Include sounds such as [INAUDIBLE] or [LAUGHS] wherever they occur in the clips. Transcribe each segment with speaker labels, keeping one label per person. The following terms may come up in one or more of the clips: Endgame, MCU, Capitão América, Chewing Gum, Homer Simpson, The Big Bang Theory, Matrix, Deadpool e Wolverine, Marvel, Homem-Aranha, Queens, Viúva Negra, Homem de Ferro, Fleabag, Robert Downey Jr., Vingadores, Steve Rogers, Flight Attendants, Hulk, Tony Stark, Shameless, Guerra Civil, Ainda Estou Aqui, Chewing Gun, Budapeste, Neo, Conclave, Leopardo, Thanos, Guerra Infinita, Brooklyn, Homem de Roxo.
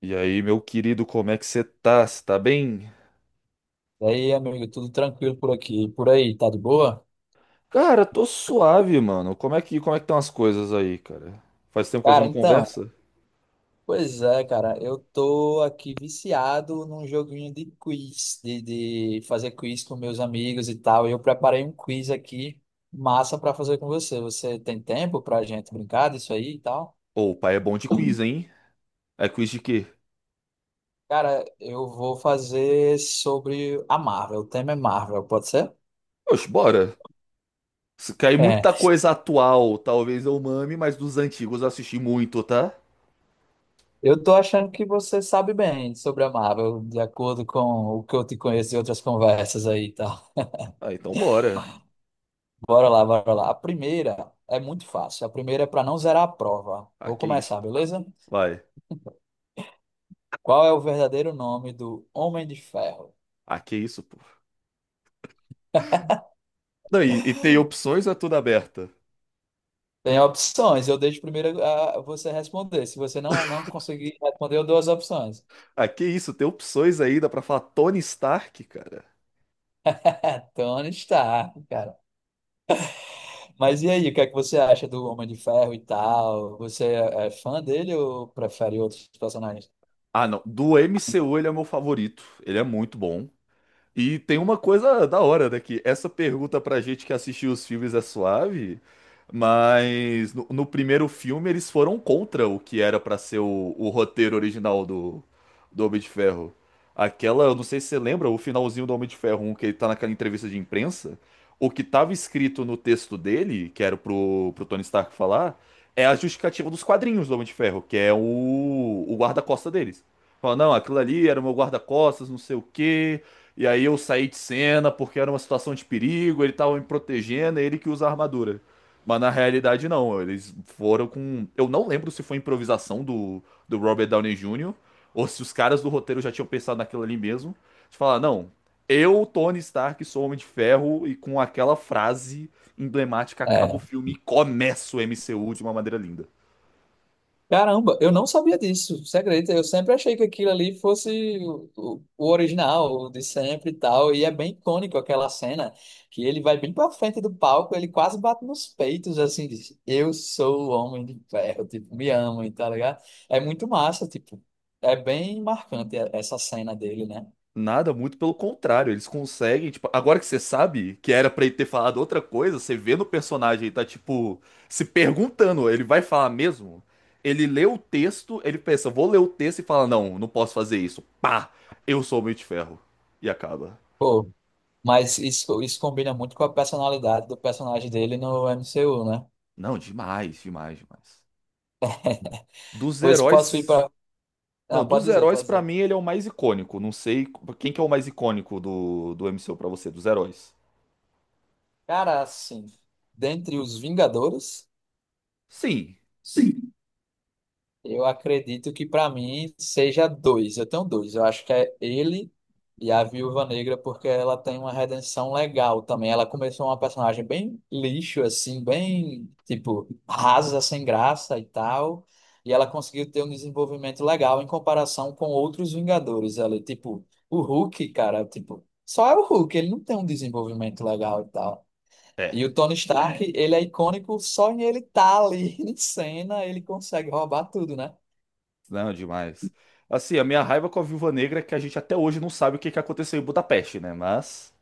Speaker 1: E aí, meu querido, como é que você tá? Você tá bem?
Speaker 2: E aí, amigo, tudo tranquilo por aqui? E por aí, tá de boa?
Speaker 1: Cara, tô suave, mano. Como é que estão as coisas aí, cara? Faz tempo que a gente
Speaker 2: Cara,
Speaker 1: não
Speaker 2: então,
Speaker 1: conversa?
Speaker 2: pois é, cara, eu tô aqui viciado num joguinho de quiz, de fazer quiz com meus amigos e tal. E eu preparei um quiz aqui, massa pra fazer com você. Você tem tempo pra gente brincar disso aí e tal?
Speaker 1: Ô, o pai é bom de quiz, hein? É quiz de quê?
Speaker 2: Cara, eu vou fazer sobre a Marvel. O tema é Marvel, pode ser?
Speaker 1: Oxe, bora. Se cair
Speaker 2: É,
Speaker 1: muita coisa atual, talvez eu mame, mas dos antigos eu assisti muito, tá?
Speaker 2: eu tô achando que você sabe bem sobre a Marvel, de acordo com o que eu te conheço de outras conversas aí, tá?
Speaker 1: Ah, então bora.
Speaker 2: Bora lá, bora lá. A primeira é muito fácil. A primeira é para não zerar a prova.
Speaker 1: Ah,
Speaker 2: Vou
Speaker 1: que isso,
Speaker 2: começar,
Speaker 1: pô.
Speaker 2: beleza?
Speaker 1: Vai.
Speaker 2: Qual é o verdadeiro nome do Homem de Ferro?
Speaker 1: Ah, que isso, pô. Não, e tem opções, ou é tudo aberta.
Speaker 2: Tem opções. Eu deixo primeiro você responder. Se você não conseguir responder, eu dou as opções.
Speaker 1: Ah, que isso, tem opções ainda pra falar Tony Stark, cara.
Speaker 2: [LAUGHS] Tony Stark, cara. Mas e aí, o que é que você acha do Homem de Ferro e tal? Você é fã dele ou prefere outros personagens?
Speaker 1: Ah, não. Do MCU ele é meu favorito. Ele é muito bom. E tem uma coisa da hora, né? Que essa pergunta pra gente que assistiu os filmes é suave, mas no primeiro filme eles foram contra o que era pra ser o roteiro original do Homem de Ferro. Aquela, eu não sei se você lembra, o finalzinho do Homem de Ferro um que ele tá naquela entrevista de imprensa, o que tava escrito no texto dele, que era pro Tony Stark falar, é a justificativa dos quadrinhos do Homem de Ferro, que é o guarda-costa deles. Fala, não, aquilo ali era o meu guarda-costas, não sei o quê. E aí eu saí de cena porque era uma situação de perigo, ele tava me protegendo, é ele que usa a armadura. Mas na realidade não, eles foram com. Eu não lembro se foi improvisação do Robert Downey Jr. ou se os caras do roteiro já tinham pensado naquilo ali mesmo. De falar, não, eu, Tony Stark, sou Homem de Ferro e com aquela frase emblemática acaba o
Speaker 2: É.
Speaker 1: filme e começa o MCU de uma maneira linda.
Speaker 2: Caramba, eu não sabia disso, você acredita? Eu sempre achei que aquilo ali fosse o original, o de sempre e tal, e é bem icônico aquela cena que ele vai bem pra frente do palco, ele quase bate nos peitos, assim, diz, eu sou o Homem de Ferro, tipo, me amem, tá ligado? É muito massa, tipo, é bem marcante e- essa cena dele, né?
Speaker 1: Nada, muito pelo contrário, eles conseguem, tipo, agora que você sabe que era pra ele ter falado outra coisa, você vê no personagem, ele tá, tipo, se perguntando, ele vai falar mesmo? Ele lê o texto, ele pensa, vou ler o texto e fala, não, não posso fazer isso, pá, eu sou o Homem de Ferro. E acaba.
Speaker 2: Pô, mas isso combina muito com a personalidade do personagem dele no MCU, né?
Speaker 1: Não, demais, demais, demais. Dos
Speaker 2: Pois posso ir
Speaker 1: heróis,
Speaker 2: pra... Ah,
Speaker 1: não,
Speaker 2: pode
Speaker 1: dos
Speaker 2: dizer,
Speaker 1: heróis
Speaker 2: pode
Speaker 1: pra
Speaker 2: dizer.
Speaker 1: mim ele é o mais icônico, não sei quem que é o mais icônico do MCU pra você, dos heróis.
Speaker 2: Cara, assim, dentre os Vingadores,
Speaker 1: Sim.
Speaker 2: sim, eu acredito que pra mim seja dois. Eu tenho dois. Eu acho que é ele e a Viúva Negra, porque ela tem uma redenção legal também. Ela começou uma personagem bem lixo, assim, bem, tipo, rasa, sem graça e tal. E ela conseguiu ter um desenvolvimento legal em comparação com outros Vingadores ali. Tipo, o Hulk, cara, tipo, só é o Hulk, ele não tem um desenvolvimento legal e tal.
Speaker 1: É.
Speaker 2: E o Tony Stark, ele é icônico só em ele estar ali [LAUGHS] em cena, ele consegue roubar tudo, né?
Speaker 1: Não, demais. Assim, a minha raiva com a Viúva Negra é que a gente até hoje não sabe o que que aconteceu em Budapeste, né? Mas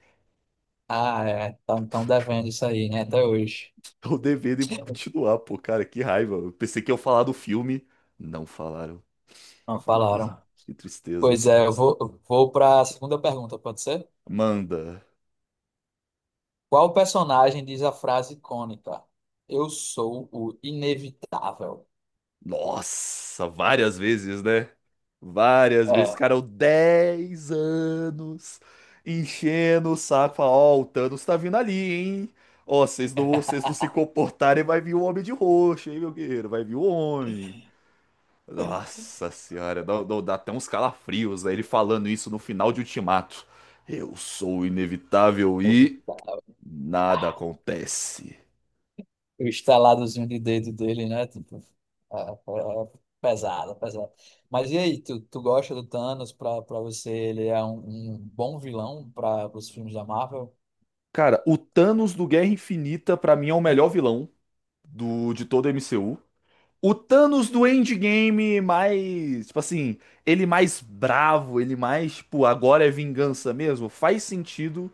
Speaker 2: Ah, é, estão devendo isso aí, né? Até hoje.
Speaker 1: [LAUGHS] tô devendo e vou continuar, pô, cara, que raiva. Eu pensei que eu falar do filme, não falaram.
Speaker 2: Não
Speaker 1: Que, tris-
Speaker 2: falaram.
Speaker 1: que tristeza.
Speaker 2: Pois é, vou para a segunda pergunta, pode ser?
Speaker 1: Manda.
Speaker 2: Qual personagem diz a frase icônica? Eu sou o inevitável.
Speaker 1: Nossa, várias vezes, né? Várias vezes,
Speaker 2: É,
Speaker 1: cara, eu 10 anos enchendo o saco, falar, ó, o Thanos tá vindo ali, hein? Ó, vocês não se
Speaker 2: [LAUGHS]
Speaker 1: comportarem, vai vir o Homem de Roxo, hein, meu guerreiro? Vai vir o Homem. Nossa senhora, dá até uns calafrios, né, ele falando isso no final de Ultimato. Eu sou inevitável e
Speaker 2: inevitável.
Speaker 1: nada acontece.
Speaker 2: O estaladozinho de dedo dele, né? Tipo, é, é é pesado, pesado. Mas e aí, tu gosta do Thanos? Pra você, ele é um bom vilão para os filmes da Marvel?
Speaker 1: Cara, o Thanos do Guerra Infinita, pra mim, é o melhor vilão do, de todo o MCU. O Thanos do Endgame mais, tipo assim, ele mais bravo, ele mais, tipo, agora é vingança mesmo, faz sentido,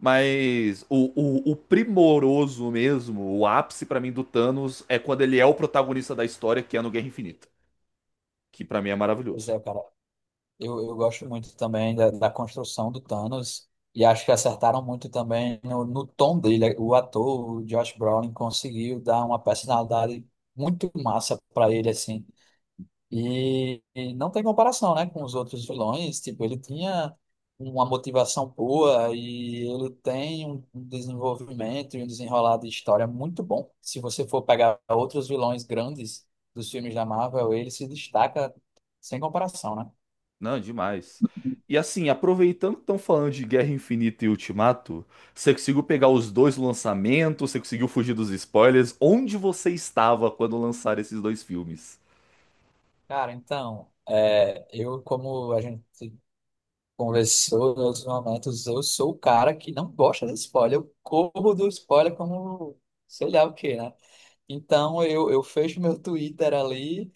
Speaker 1: mas o primoroso mesmo, o ápice pra mim do Thanos é quando ele é o protagonista da história, que é no Guerra Infinita, que pra mim é
Speaker 2: Pois
Speaker 1: maravilhoso.
Speaker 2: é, cara. Eu gosto muito também da construção do Thanos. E acho que acertaram muito também no tom dele. O ator, o Josh Brolin, conseguiu dar uma personalidade muito massa para ele, assim. E não tem comparação, né, com os outros vilões. Tipo, ele tinha uma motivação boa e ele tem um desenvolvimento e um desenrolar de história muito bom. Se você for pegar outros vilões grandes dos filmes da Marvel, ele se destaca sem comparação, né?
Speaker 1: Não, demais. E assim, aproveitando que estão falando de Guerra Infinita e Ultimato, você conseguiu pegar os dois lançamentos, você conseguiu fugir dos spoilers, onde você estava quando lançaram esses dois filmes?
Speaker 2: Cara, então, é, eu, como a gente conversou em outros momentos, eu sou o cara que não gosta de spoiler. Eu corro do spoiler como sei lá o quê, né? Então eu fecho meu Twitter ali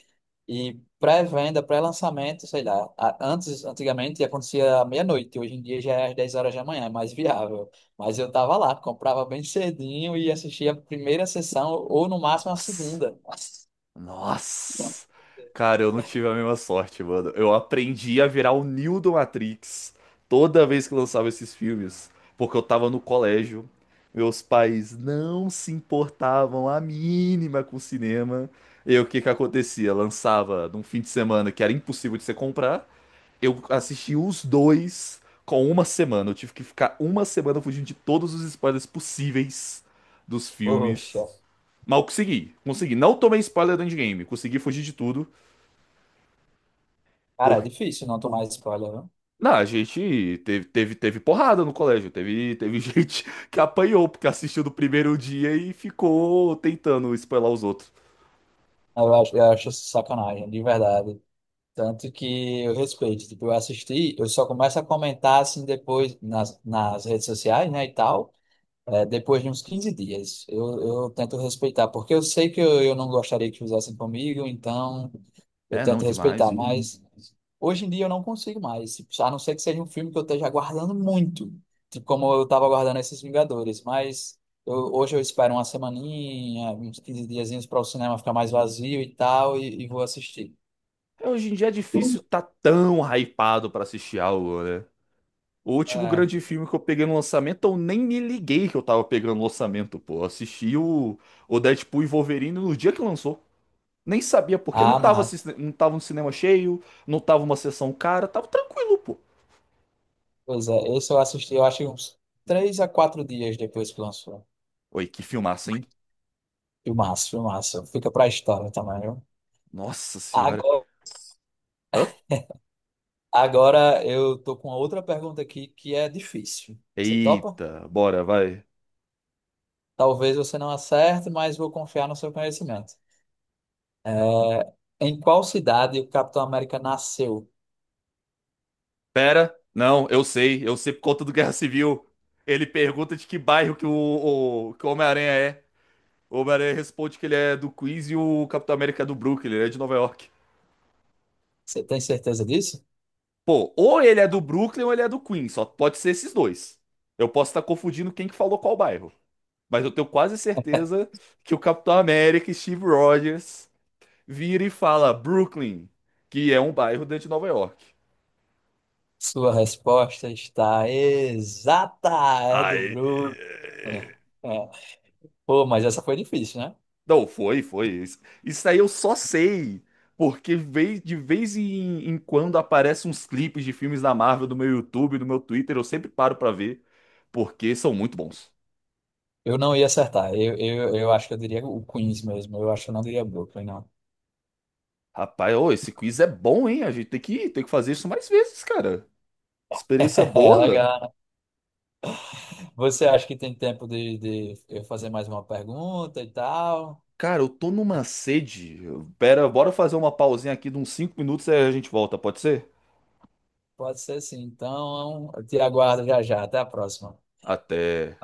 Speaker 2: e pré-venda, pré-lançamento, sei lá. Antigamente acontecia à meia-noite, hoje em dia já é às 10 horas da manhã, é mais viável. Mas eu tava lá, comprava bem cedinho e assistia a primeira sessão ou no máximo a
Speaker 1: Nossa,
Speaker 2: segunda.
Speaker 1: nossa. Cara, eu não tive a mesma sorte, mano. Eu aprendi a virar o Neo do Matrix toda vez que lançava esses filmes, porque eu tava no colégio. Meus pais não se importavam a mínima com o cinema. E o que que acontecia? Lançava num fim de semana que era impossível de você comprar. Eu assisti os dois com uma semana. Eu tive que ficar uma semana fugindo de todos os spoilers possíveis dos
Speaker 2: Poxa,
Speaker 1: filmes. Mal consegui. Consegui. Não tomei spoiler do endgame. Consegui fugir de tudo.
Speaker 2: cara, é
Speaker 1: Porque.
Speaker 2: difícil não tomar spoiler, viu?
Speaker 1: Não, a gente teve porrada no colégio. Teve [LAUGHS] gente que apanhou, porque assistiu do primeiro dia e ficou tentando spoiler os outros.
Speaker 2: Eu acho sacanagem, de verdade. Tanto que eu respeito, tipo, eu assisti, eu só começo a comentar assim depois nas redes sociais, né, e tal. É, depois de uns 15 dias, eu tento respeitar, porque eu sei que eu não gostaria que usassem comigo, então eu
Speaker 1: É, não,
Speaker 2: tento
Speaker 1: demais,
Speaker 2: respeitar,
Speaker 1: pô.
Speaker 2: mas hoje em dia eu não consigo mais, a não ser que seja um filme que eu esteja aguardando muito, tipo como eu estava aguardando esses Vingadores, mas eu- hoje eu espero uma semaninha, uns 15 diazinhos para o cinema ficar mais vazio e tal, e vou assistir.
Speaker 1: É, hoje em dia é difícil tá tão hypado pra assistir algo, né? O último
Speaker 2: É.
Speaker 1: grande filme que eu peguei no lançamento, eu nem me liguei que eu tava pegando no lançamento, pô. Eu assisti o Deadpool e Wolverine no dia que lançou. Nem sabia porque não
Speaker 2: Ah,
Speaker 1: tava,
Speaker 2: mas,
Speaker 1: não tava um cinema cheio, não tava uma sessão cara, tava tranquilo, pô.
Speaker 2: pois é, esse eu assisti, eu acho que uns 3 a 4 dias depois que lançou.
Speaker 1: Oi, que filmaço, hein?
Speaker 2: Filmaço, filmaço. Fica pra história também, viu?
Speaker 1: Nossa senhora.
Speaker 2: Agora,
Speaker 1: Hã?
Speaker 2: agora eu tô com uma outra pergunta aqui que é difícil. Você topa?
Speaker 1: Eita, bora, vai.
Speaker 2: Talvez você não acerte, mas vou confiar no seu conhecimento. É, em qual cidade o Capitão América nasceu?
Speaker 1: Pera, não, eu sei por conta do Guerra Civil. Ele pergunta de que bairro que que o Homem-Aranha é. O Homem-Aranha responde que ele é do Queens e o Capitão América é do Brooklyn, ele é de Nova York.
Speaker 2: Você tem certeza disso?
Speaker 1: Pô, ou ele é do Brooklyn ou ele é do Queens, só pode ser esses dois. Eu posso estar confundindo quem que falou qual bairro. Mas eu tenho quase certeza que o Capitão América, Steve Rogers, vira e fala Brooklyn, que é um bairro dentro de Nova York.
Speaker 2: Sua resposta está exata, é do
Speaker 1: Aí.
Speaker 2: Bruno. É. É. Pô, mas essa foi difícil, né?
Speaker 1: Não, foi, foi. Isso aí eu só sei. De vez em quando aparecem uns clipes de filmes da Marvel do meu YouTube, do meu Twitter, eu sempre paro pra ver, porque são muito bons.
Speaker 2: Eu não ia acertar. Eu acho que eu diria o Queens mesmo. Eu acho que eu não diria Brooklyn, não.
Speaker 1: Rapaz, ô, esse quiz é bom, hein? A gente tem que fazer isso mais vezes, cara. Experiência
Speaker 2: [LAUGHS] É
Speaker 1: boa.
Speaker 2: legal. Você acha que tem tempo de eu fazer mais uma pergunta e tal?
Speaker 1: Cara, eu tô numa sede. Pera, bora fazer uma pausinha aqui de uns 5 minutos e aí a gente volta, pode ser?
Speaker 2: Pode ser sim. Então, eu te aguardo já já. Até a próxima.
Speaker 1: Até.